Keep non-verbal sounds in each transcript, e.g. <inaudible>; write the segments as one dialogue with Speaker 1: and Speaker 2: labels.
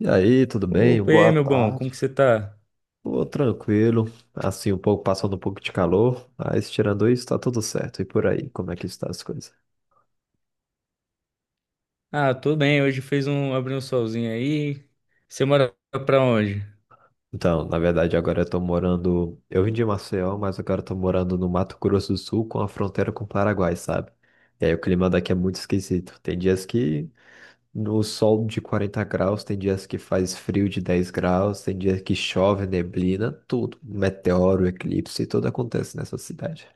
Speaker 1: E aí, tudo bem?
Speaker 2: Opa, e aí,
Speaker 1: Boa
Speaker 2: meu bom, como
Speaker 1: tarde.
Speaker 2: que você tá?
Speaker 1: Pô, tranquilo. Assim, um pouco passando um pouco de calor, mas tirando isso, tá tudo certo. E por aí, como é que está as coisas?
Speaker 2: Ah, tô bem, hoje fez abriu um solzinho aí. Você mora pra onde?
Speaker 1: Então, na verdade, agora eu tô morando. Eu vim de Maceió, mas agora eu tô morando no Mato Grosso do Sul com a fronteira com o Paraguai, sabe? E aí o clima daqui é muito esquisito. Tem dias que no sol de 40 graus, tem dias que faz frio de 10 graus, tem dias que chove, neblina, tudo. Meteoro, eclipse, tudo acontece nessa cidade.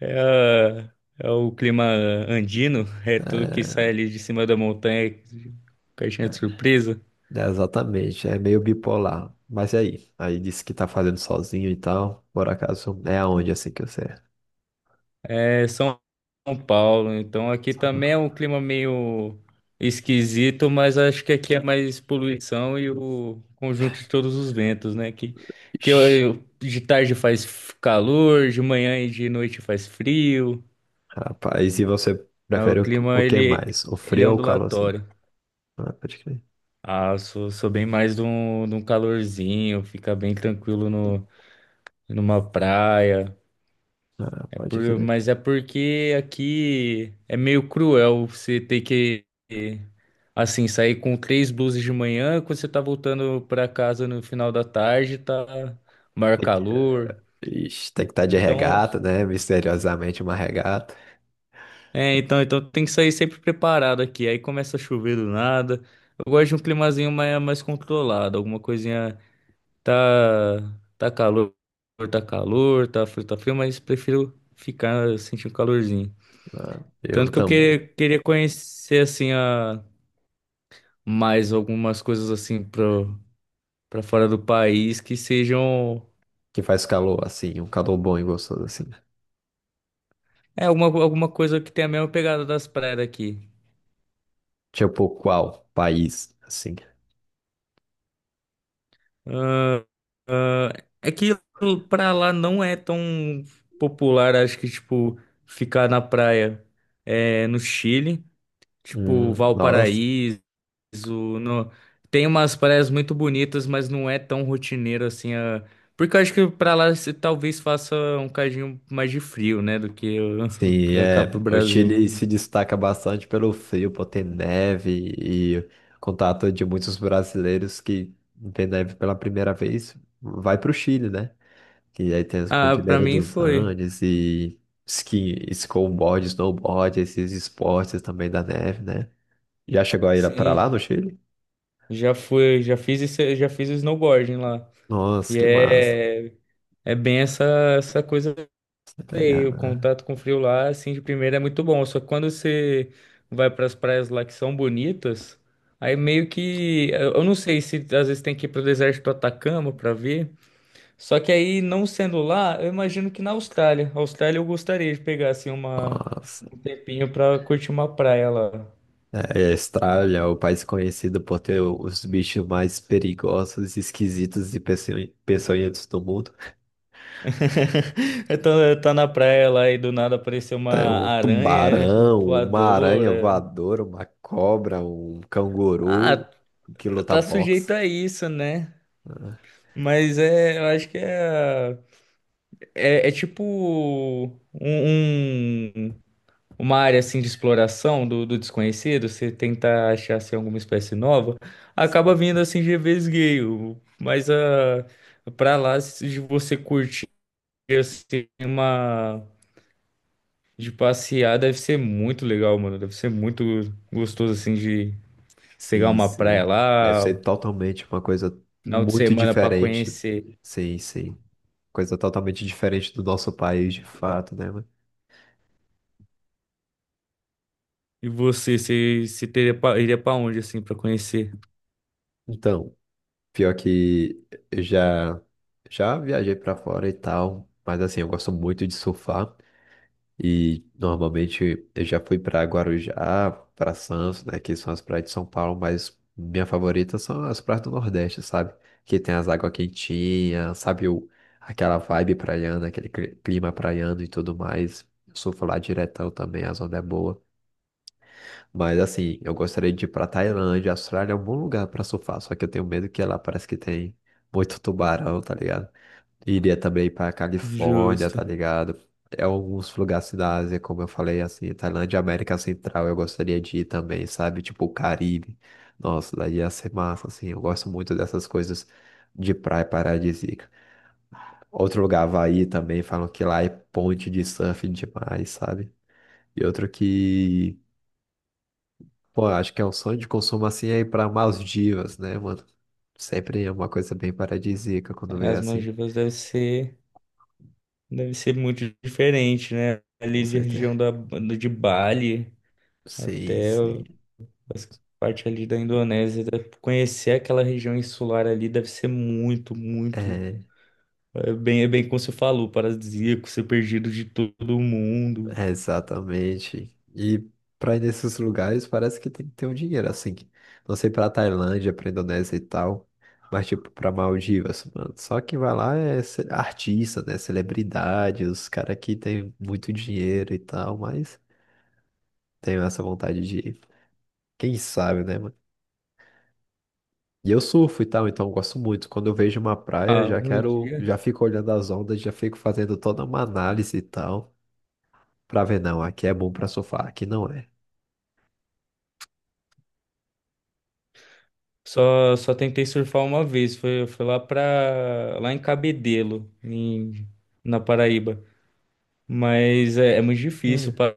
Speaker 2: É o clima andino, é tudo que sai ali de cima da montanha, caixinha de surpresa.
Speaker 1: É, exatamente, é meio bipolar. Mas e aí? Aí disse que tá fazendo sozinho e tal. Por acaso é aonde assim que você é?
Speaker 2: É São Paulo, então aqui
Speaker 1: Sabe?
Speaker 2: também é um clima meio esquisito, mas acho que aqui é mais poluição e o conjunto de todos os ventos, né? Que, que eu-
Speaker 1: Ixi,
Speaker 2: eu- de tarde faz calor, de manhã e de noite faz frio.
Speaker 1: rapaz, e você
Speaker 2: É, O
Speaker 1: prefere o
Speaker 2: clima,
Speaker 1: que
Speaker 2: ele,
Speaker 1: mais? O
Speaker 2: ele é
Speaker 1: frio ou o calor assim?
Speaker 2: ondulatório.
Speaker 1: Ah, pode crer.
Speaker 2: Ah, eu sou bem mais de um calorzinho, fica bem tranquilo no, numa praia.
Speaker 1: Ah,
Speaker 2: É
Speaker 1: pode
Speaker 2: por,
Speaker 1: crer.
Speaker 2: mas é porque aqui é meio cruel você ter que, assim, sair com três blusas de manhã, quando você tá voltando pra casa no final da tarde, tá maior
Speaker 1: Tem
Speaker 2: calor.
Speaker 1: que- Ixi, tem que estar de
Speaker 2: Então,
Speaker 1: regata, né? Misteriosamente uma regata.
Speaker 2: então tem que sair sempre preparado aqui. Aí começa a chover do nada. Eu gosto de um climazinho mais controlado, alguma coisinha. Tá, tá calor, tá calor, tá frio, mas prefiro ficar sentindo calorzinho.
Speaker 1: Ah, eu
Speaker 2: Tanto que eu
Speaker 1: também.
Speaker 2: queria conhecer assim a mais algumas coisas assim para fora do país que sejam
Speaker 1: Que faz calor assim, um calor bom e gostoso assim.
Speaker 2: é alguma coisa que tenha a mesma pegada das praias daqui.
Speaker 1: Tipo, qual país assim?
Speaker 2: Ah, ah, é que pra lá não é tão popular, acho que tipo ficar na praia é, no Chile, tipo
Speaker 1: Nossa.
Speaker 2: Valparaíso o- no- tem umas praias muito bonitas, mas não é tão rotineiro assim. A... Porque eu acho que pra lá você talvez faça um cadinho mais de frio, né? <laughs>
Speaker 1: Sim,
Speaker 2: Pra cá pro
Speaker 1: é. O
Speaker 2: Brasil.
Speaker 1: Chile se destaca bastante pelo frio, por ter neve e contato de muitos brasileiros que vê neve pela primeira vez, vai para o Chile, né? E aí tem as
Speaker 2: Ah, pra
Speaker 1: Cordilheira
Speaker 2: mim
Speaker 1: dos
Speaker 2: foi.
Speaker 1: Andes e ski, snowboard, snowboard, esses esportes também da neve, né? Já chegou a ir para lá no
Speaker 2: Sim,
Speaker 1: Chile?
Speaker 2: já fui, já fiz isso, já fiz snowboarding lá.
Speaker 1: Nossa,
Speaker 2: E
Speaker 1: que massa.
Speaker 2: é, é bem essa, essa coisa,
Speaker 1: Você
Speaker 2: sei,
Speaker 1: pegar,
Speaker 2: o
Speaker 1: né?
Speaker 2: contato com o frio lá, assim, de primeira é muito bom. Só que quando você vai para as praias lá que são bonitas, aí meio que... Eu não sei se às vezes tem que ir para o deserto do Atacama para ver. Só que aí, não sendo lá, eu imagino que na Austrália. A Austrália eu gostaria de pegar, assim, uma...
Speaker 1: Nossa.
Speaker 2: um tempinho para curtir uma praia lá.
Speaker 1: É, a Austrália é o país conhecido por ter os bichos mais perigosos, esquisitos e peçonhentos do mundo.
Speaker 2: <laughs> Então, eu tá na praia lá e do nada apareceu uma
Speaker 1: É um
Speaker 2: aranha <laughs>
Speaker 1: tubarão, uma aranha
Speaker 2: voadora.
Speaker 1: voadora, uma cobra, um
Speaker 2: Ah,
Speaker 1: canguru que luta
Speaker 2: tá sujeito
Speaker 1: boxe.
Speaker 2: a isso, né?
Speaker 1: Né?
Speaker 2: Mas é, eu acho que é. É, é tipo um, um- uma área assim de exploração do desconhecido, você tenta achar assim alguma espécie nova, acaba vindo
Speaker 1: Sim,
Speaker 2: assim de vesgueio, mas a para lá se- de você curtir assim, uma de passear deve ser muito legal, mano, deve ser muito gostoso assim de pegar
Speaker 1: sim,
Speaker 2: uma praia
Speaker 1: sim. Deve ser
Speaker 2: lá,
Speaker 1: totalmente uma coisa
Speaker 2: final de
Speaker 1: muito
Speaker 2: semana pra
Speaker 1: diferente.
Speaker 2: conhecer.
Speaker 1: Sim, sim. Coisa totalmente diferente do nosso país, de fato, né, mano?
Speaker 2: E você teria iria pra onde assim pra conhecer?
Speaker 1: Então, pior que eu já, já viajei pra fora e tal, mas assim, eu gosto muito de surfar e normalmente eu já fui pra Guarujá, pra Santos, né, que são as praias de São Paulo, mas minha favorita são as praias do Nordeste, sabe? Que tem as águas quentinhas, sabe? O, aquela vibe praiana, aquele clima praiano e tudo mais. Eu surfo lá diretão também, a zona é boa. Mas assim, eu gostaria de ir pra Tailândia. A Austrália é um bom lugar pra surfar, só que eu tenho medo que lá parece que tem muito tubarão, tá ligado? Iria também pra Califórnia,
Speaker 2: Justo.
Speaker 1: tá ligado? É alguns lugares da Ásia, como eu falei, assim, Tailândia, América Central, eu gostaria de ir também, sabe? Tipo o Caribe. Nossa, daí ia ser massa, assim. Eu gosto muito dessas coisas de praia paradisíaca. Outro lugar, Havaí também, falam que lá é ponte de surf demais, sabe? E outro que pô, acho que é um sonho de consumo assim é ir pra Maldivas, né, mano? Sempre é uma coisa bem paradisíaca quando vê
Speaker 2: As
Speaker 1: assim,
Speaker 2: Maldivas deve ser muito diferente, né?
Speaker 1: com
Speaker 2: Ali de
Speaker 1: certeza.
Speaker 2: região de Bali
Speaker 1: Sim,
Speaker 2: até
Speaker 1: sim.
Speaker 2: as parte ali da Indonésia. Conhecer aquela região insular ali deve ser muito.
Speaker 1: É,
Speaker 2: É bem como você falou, paradisíaco, ser perdido de todo mundo.
Speaker 1: é exatamente. E pra ir nesses lugares parece que tem que ter um dinheiro, assim. Não sei pra Tailândia, pra Indonésia e tal, mas tipo pra Maldivas, mano. Só quem vai lá é artista, né? Celebridade, os caras que tem muito dinheiro e tal, mas tenho essa vontade de ir. Quem sabe, né, mano? E eu surfo e tal, então eu gosto muito. Quando eu vejo uma praia,
Speaker 2: Ah,
Speaker 1: já
Speaker 2: um
Speaker 1: quero,
Speaker 2: dia.
Speaker 1: já fico olhando as ondas, já fico fazendo toda uma análise e tal, pra ver, não, aqui é bom pra surfar, aqui não é.
Speaker 2: Só tentei surfar uma vez. Foi lá pra, lá em Cabedelo, em, na Paraíba. Mas é, é muito difícil,
Speaker 1: Sério?
Speaker 2: para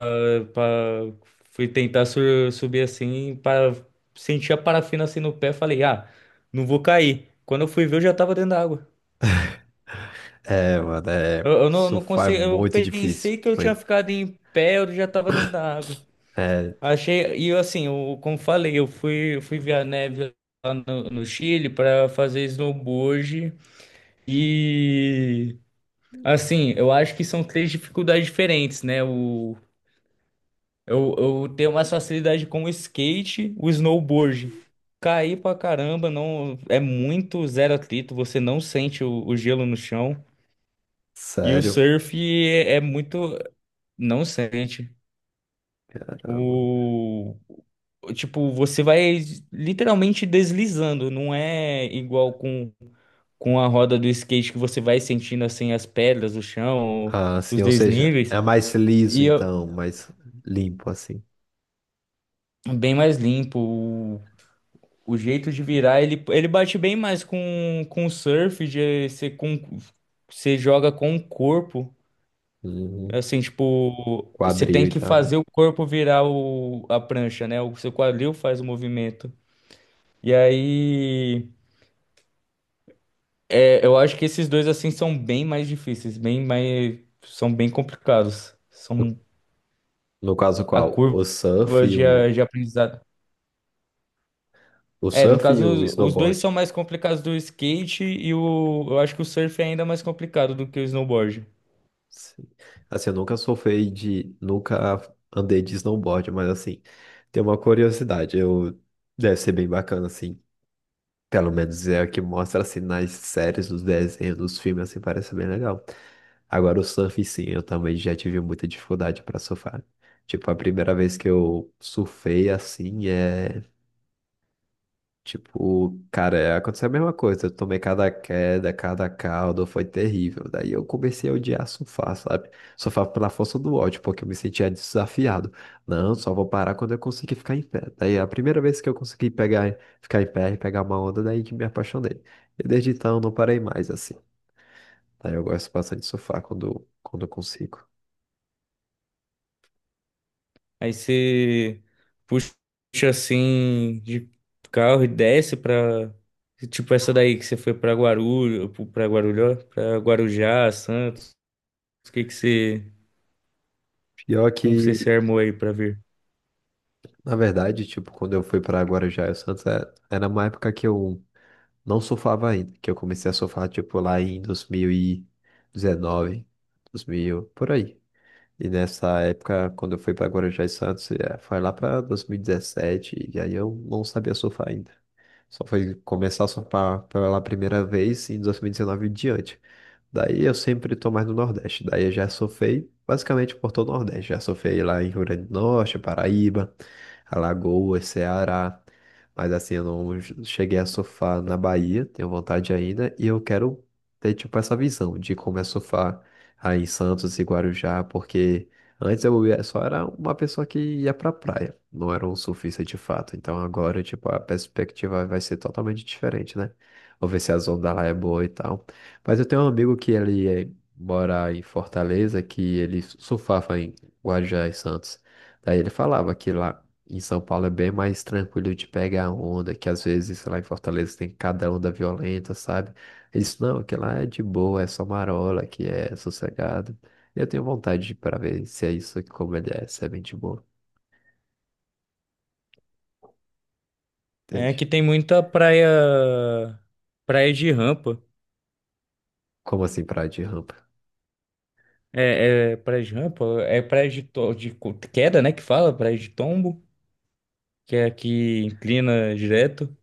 Speaker 2: fui tentar subir assim, para sentir a parafina assim no pé, falei, ah, não vou cair. Quando eu fui ver, eu já tava dentro da água. Eu, eu não, não
Speaker 1: Surfar é
Speaker 2: consegui, eu
Speaker 1: muito difícil,
Speaker 2: pensei que eu tinha
Speaker 1: mano.
Speaker 2: ficado em pé, eu já tava dentro da água.
Speaker 1: É,
Speaker 2: Achei, e eu, assim, eu, como falei, eu fui ver a neve lá no Chile para fazer snowboard. E assim, eu acho que são três dificuldades diferentes, né? Eu tenho mais facilidade com o skate, o snowboard. Cair pra caramba, não é muito zero atrito, você não sente o gelo no chão. E o
Speaker 1: sério,
Speaker 2: surf é, é muito. Não sente.
Speaker 1: caramba.
Speaker 2: O. Tipo, você vai literalmente deslizando, não é igual com a roda do skate, que você vai sentindo assim as pedras, o chão,
Speaker 1: Ah, assim,
Speaker 2: os
Speaker 1: ou seja,
Speaker 2: desníveis.
Speaker 1: é mais liso
Speaker 2: E eu-
Speaker 1: então, mais limpo assim.
Speaker 2: Bem mais limpo. O jeito de virar, ele bate bem mais com surf, você joga com o corpo.
Speaker 1: Uhum.
Speaker 2: Assim, tipo, você
Speaker 1: Quadril
Speaker 2: tem
Speaker 1: e
Speaker 2: que
Speaker 1: tal, né?
Speaker 2: fazer o corpo virar a prancha, né? O seu quadril faz o movimento. E aí, é, eu acho que esses dois, assim, são bem mais difíceis, bem mais, são bem complicados.
Speaker 1: No
Speaker 2: São
Speaker 1: no caso
Speaker 2: a
Speaker 1: qual?
Speaker 2: curva de aprendizado.
Speaker 1: O
Speaker 2: É, no
Speaker 1: surf e o
Speaker 2: caso, os dois
Speaker 1: snowboard.
Speaker 2: são mais complicados do skate, e o, eu acho que o surf é ainda mais complicado do que o snowboard.
Speaker 1: Sim. Assim, eu nunca surfei de. Nunca andei de snowboard, mas assim, tem uma curiosidade. Eu, deve ser bem bacana, assim. Pelo menos é o que mostra assim nas séries, nos desenhos, nos filmes, assim, parece bem legal. Agora o surf, sim, eu também já tive muita dificuldade para surfar. Tipo, a primeira vez que eu surfei assim é. Tipo, cara, é, aconteceu a mesma coisa. Eu tomei cada queda, cada caldo, foi terrível. Daí eu comecei a odiar surfar, sabe? Surfar pela força do ódio, porque eu me sentia desafiado. Não, só vou parar quando eu conseguir ficar em pé. Daí a primeira vez que eu consegui pegar, ficar em pé e pegar uma onda, daí que me apaixonei. E desde então não parei mais, assim. Daí eu gosto bastante de surfar quando, quando eu consigo.
Speaker 2: Aí você puxa assim de carro e desce pra, tipo essa daí que você foi pra Guarujá, Santos. O que que você,
Speaker 1: Pior
Speaker 2: como você se
Speaker 1: que,
Speaker 2: armou aí pra vir?
Speaker 1: na verdade, tipo, quando eu fui pra Guarujá e Santos, era uma época que eu não surfava ainda, que eu comecei a surfar, tipo, lá em 2019, 2000, por aí. E nessa época, quando eu fui para Guarujá e Santos, foi lá para 2017, e dezessete, e aí eu não sabia surfar ainda. Só foi começar a surfar pela primeira vez em 2019 e diante. Daí eu sempre tô mais no Nordeste. Daí eu já surfei basicamente por todo o Nordeste. Já surfei lá em Rio Grande do Norte, Paraíba, Alagoas, Ceará. Mas assim, eu não cheguei a surfar na Bahia, tenho vontade ainda. E eu quero ter tipo essa visão de como é surfar aí em Santos e Guarujá, porque. Só era uma pessoa que ia pra praia, não era um surfista de fato. Então agora, tipo, a perspectiva vai ser totalmente diferente, né? Vou ver se a onda lá é boa e tal. Mas eu tenho um amigo que mora em Fortaleza, que ele surfava em Guarujá e Santos. Daí ele falava que lá em São Paulo é bem mais tranquilo de pegar onda, que às vezes lá em Fortaleza tem cada onda violenta, sabe? Ele disse, não, que lá é de boa, é só marola, que é sossegado. Eu tenho vontade pra ver se é isso, como ele é, se é bem de boa,
Speaker 2: É que
Speaker 1: entende?
Speaker 2: tem praia de rampa.
Speaker 1: Como assim, praia de rampa?
Speaker 2: É, é praia de rampa, é praia de, queda, né, que fala, praia de tombo, que é aqui, inclina direto.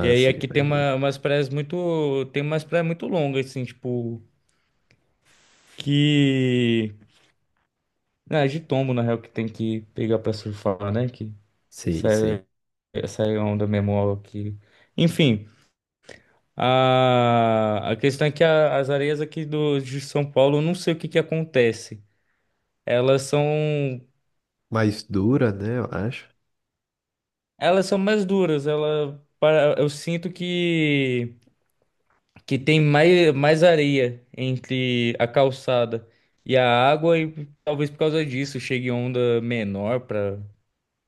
Speaker 2: E aí
Speaker 1: sim,
Speaker 2: aqui tem
Speaker 1: pode ver.
Speaker 2: umas praias muito, tem umas praias muito longas, assim, tipo, que, ah, de tombo, na real, que tem que pegar pra surfar, né, que
Speaker 1: Sim, sim.
Speaker 2: sai, sai a onda mesmo aqui. Enfim, a questão é que as areias aqui de São Paulo, eu não sei o que que acontece. Elas são,
Speaker 1: Mais dura, né, eu acho.
Speaker 2: elas são mais duras, eu sinto que tem mais, mais areia entre a calçada e a água, e talvez por causa disso chegue onda menor para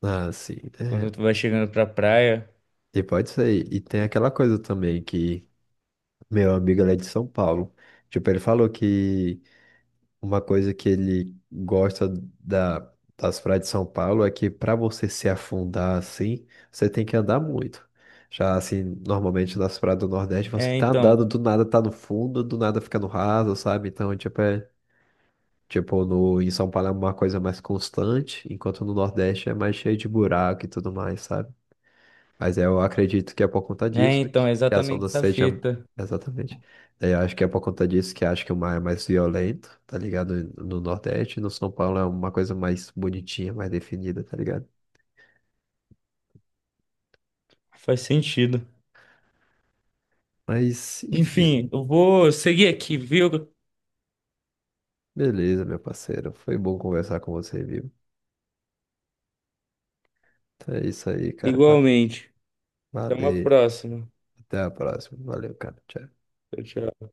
Speaker 1: Ah, sim, é.
Speaker 2: quando tu vai chegando pra praia.
Speaker 1: E pode ser. E tem aquela coisa também que meu amigo ele é de São Paulo. Tipo, ele falou que uma coisa que ele gosta da, das praias de São Paulo é que para você se afundar assim, você tem que andar muito. Já assim, normalmente nas praias do Nordeste, você
Speaker 2: É,
Speaker 1: tá
Speaker 2: então,
Speaker 1: andando, do nada tá no fundo, do nada fica no raso, sabe? Então, tipo, é, tipo no, em São Paulo é uma coisa mais constante, enquanto no Nordeste é mais cheio de buraco e tudo mais, sabe? Mas eu acredito que é por conta
Speaker 2: é,
Speaker 1: disso
Speaker 2: então,
Speaker 1: que
Speaker 2: é
Speaker 1: as
Speaker 2: exatamente
Speaker 1: ondas
Speaker 2: essa
Speaker 1: sejam.
Speaker 2: fita.
Speaker 1: Exatamente. Daí eu acho que é por conta disso que acho que o mar é mais violento, tá ligado? No Nordeste, no São Paulo é uma coisa mais bonitinha, mais definida, tá ligado?
Speaker 2: Faz sentido.
Speaker 1: Mas, enfim,
Speaker 2: Enfim, eu vou seguir aqui, viu?
Speaker 1: beleza, meu parceiro. Foi bom conversar com você, viu? Então é isso aí, cara.
Speaker 2: Igualmente. Até uma
Speaker 1: Valeu.
Speaker 2: próxima.
Speaker 1: Até a próxima. Valeu, cara. Tchau.
Speaker 2: Tchau, tchau.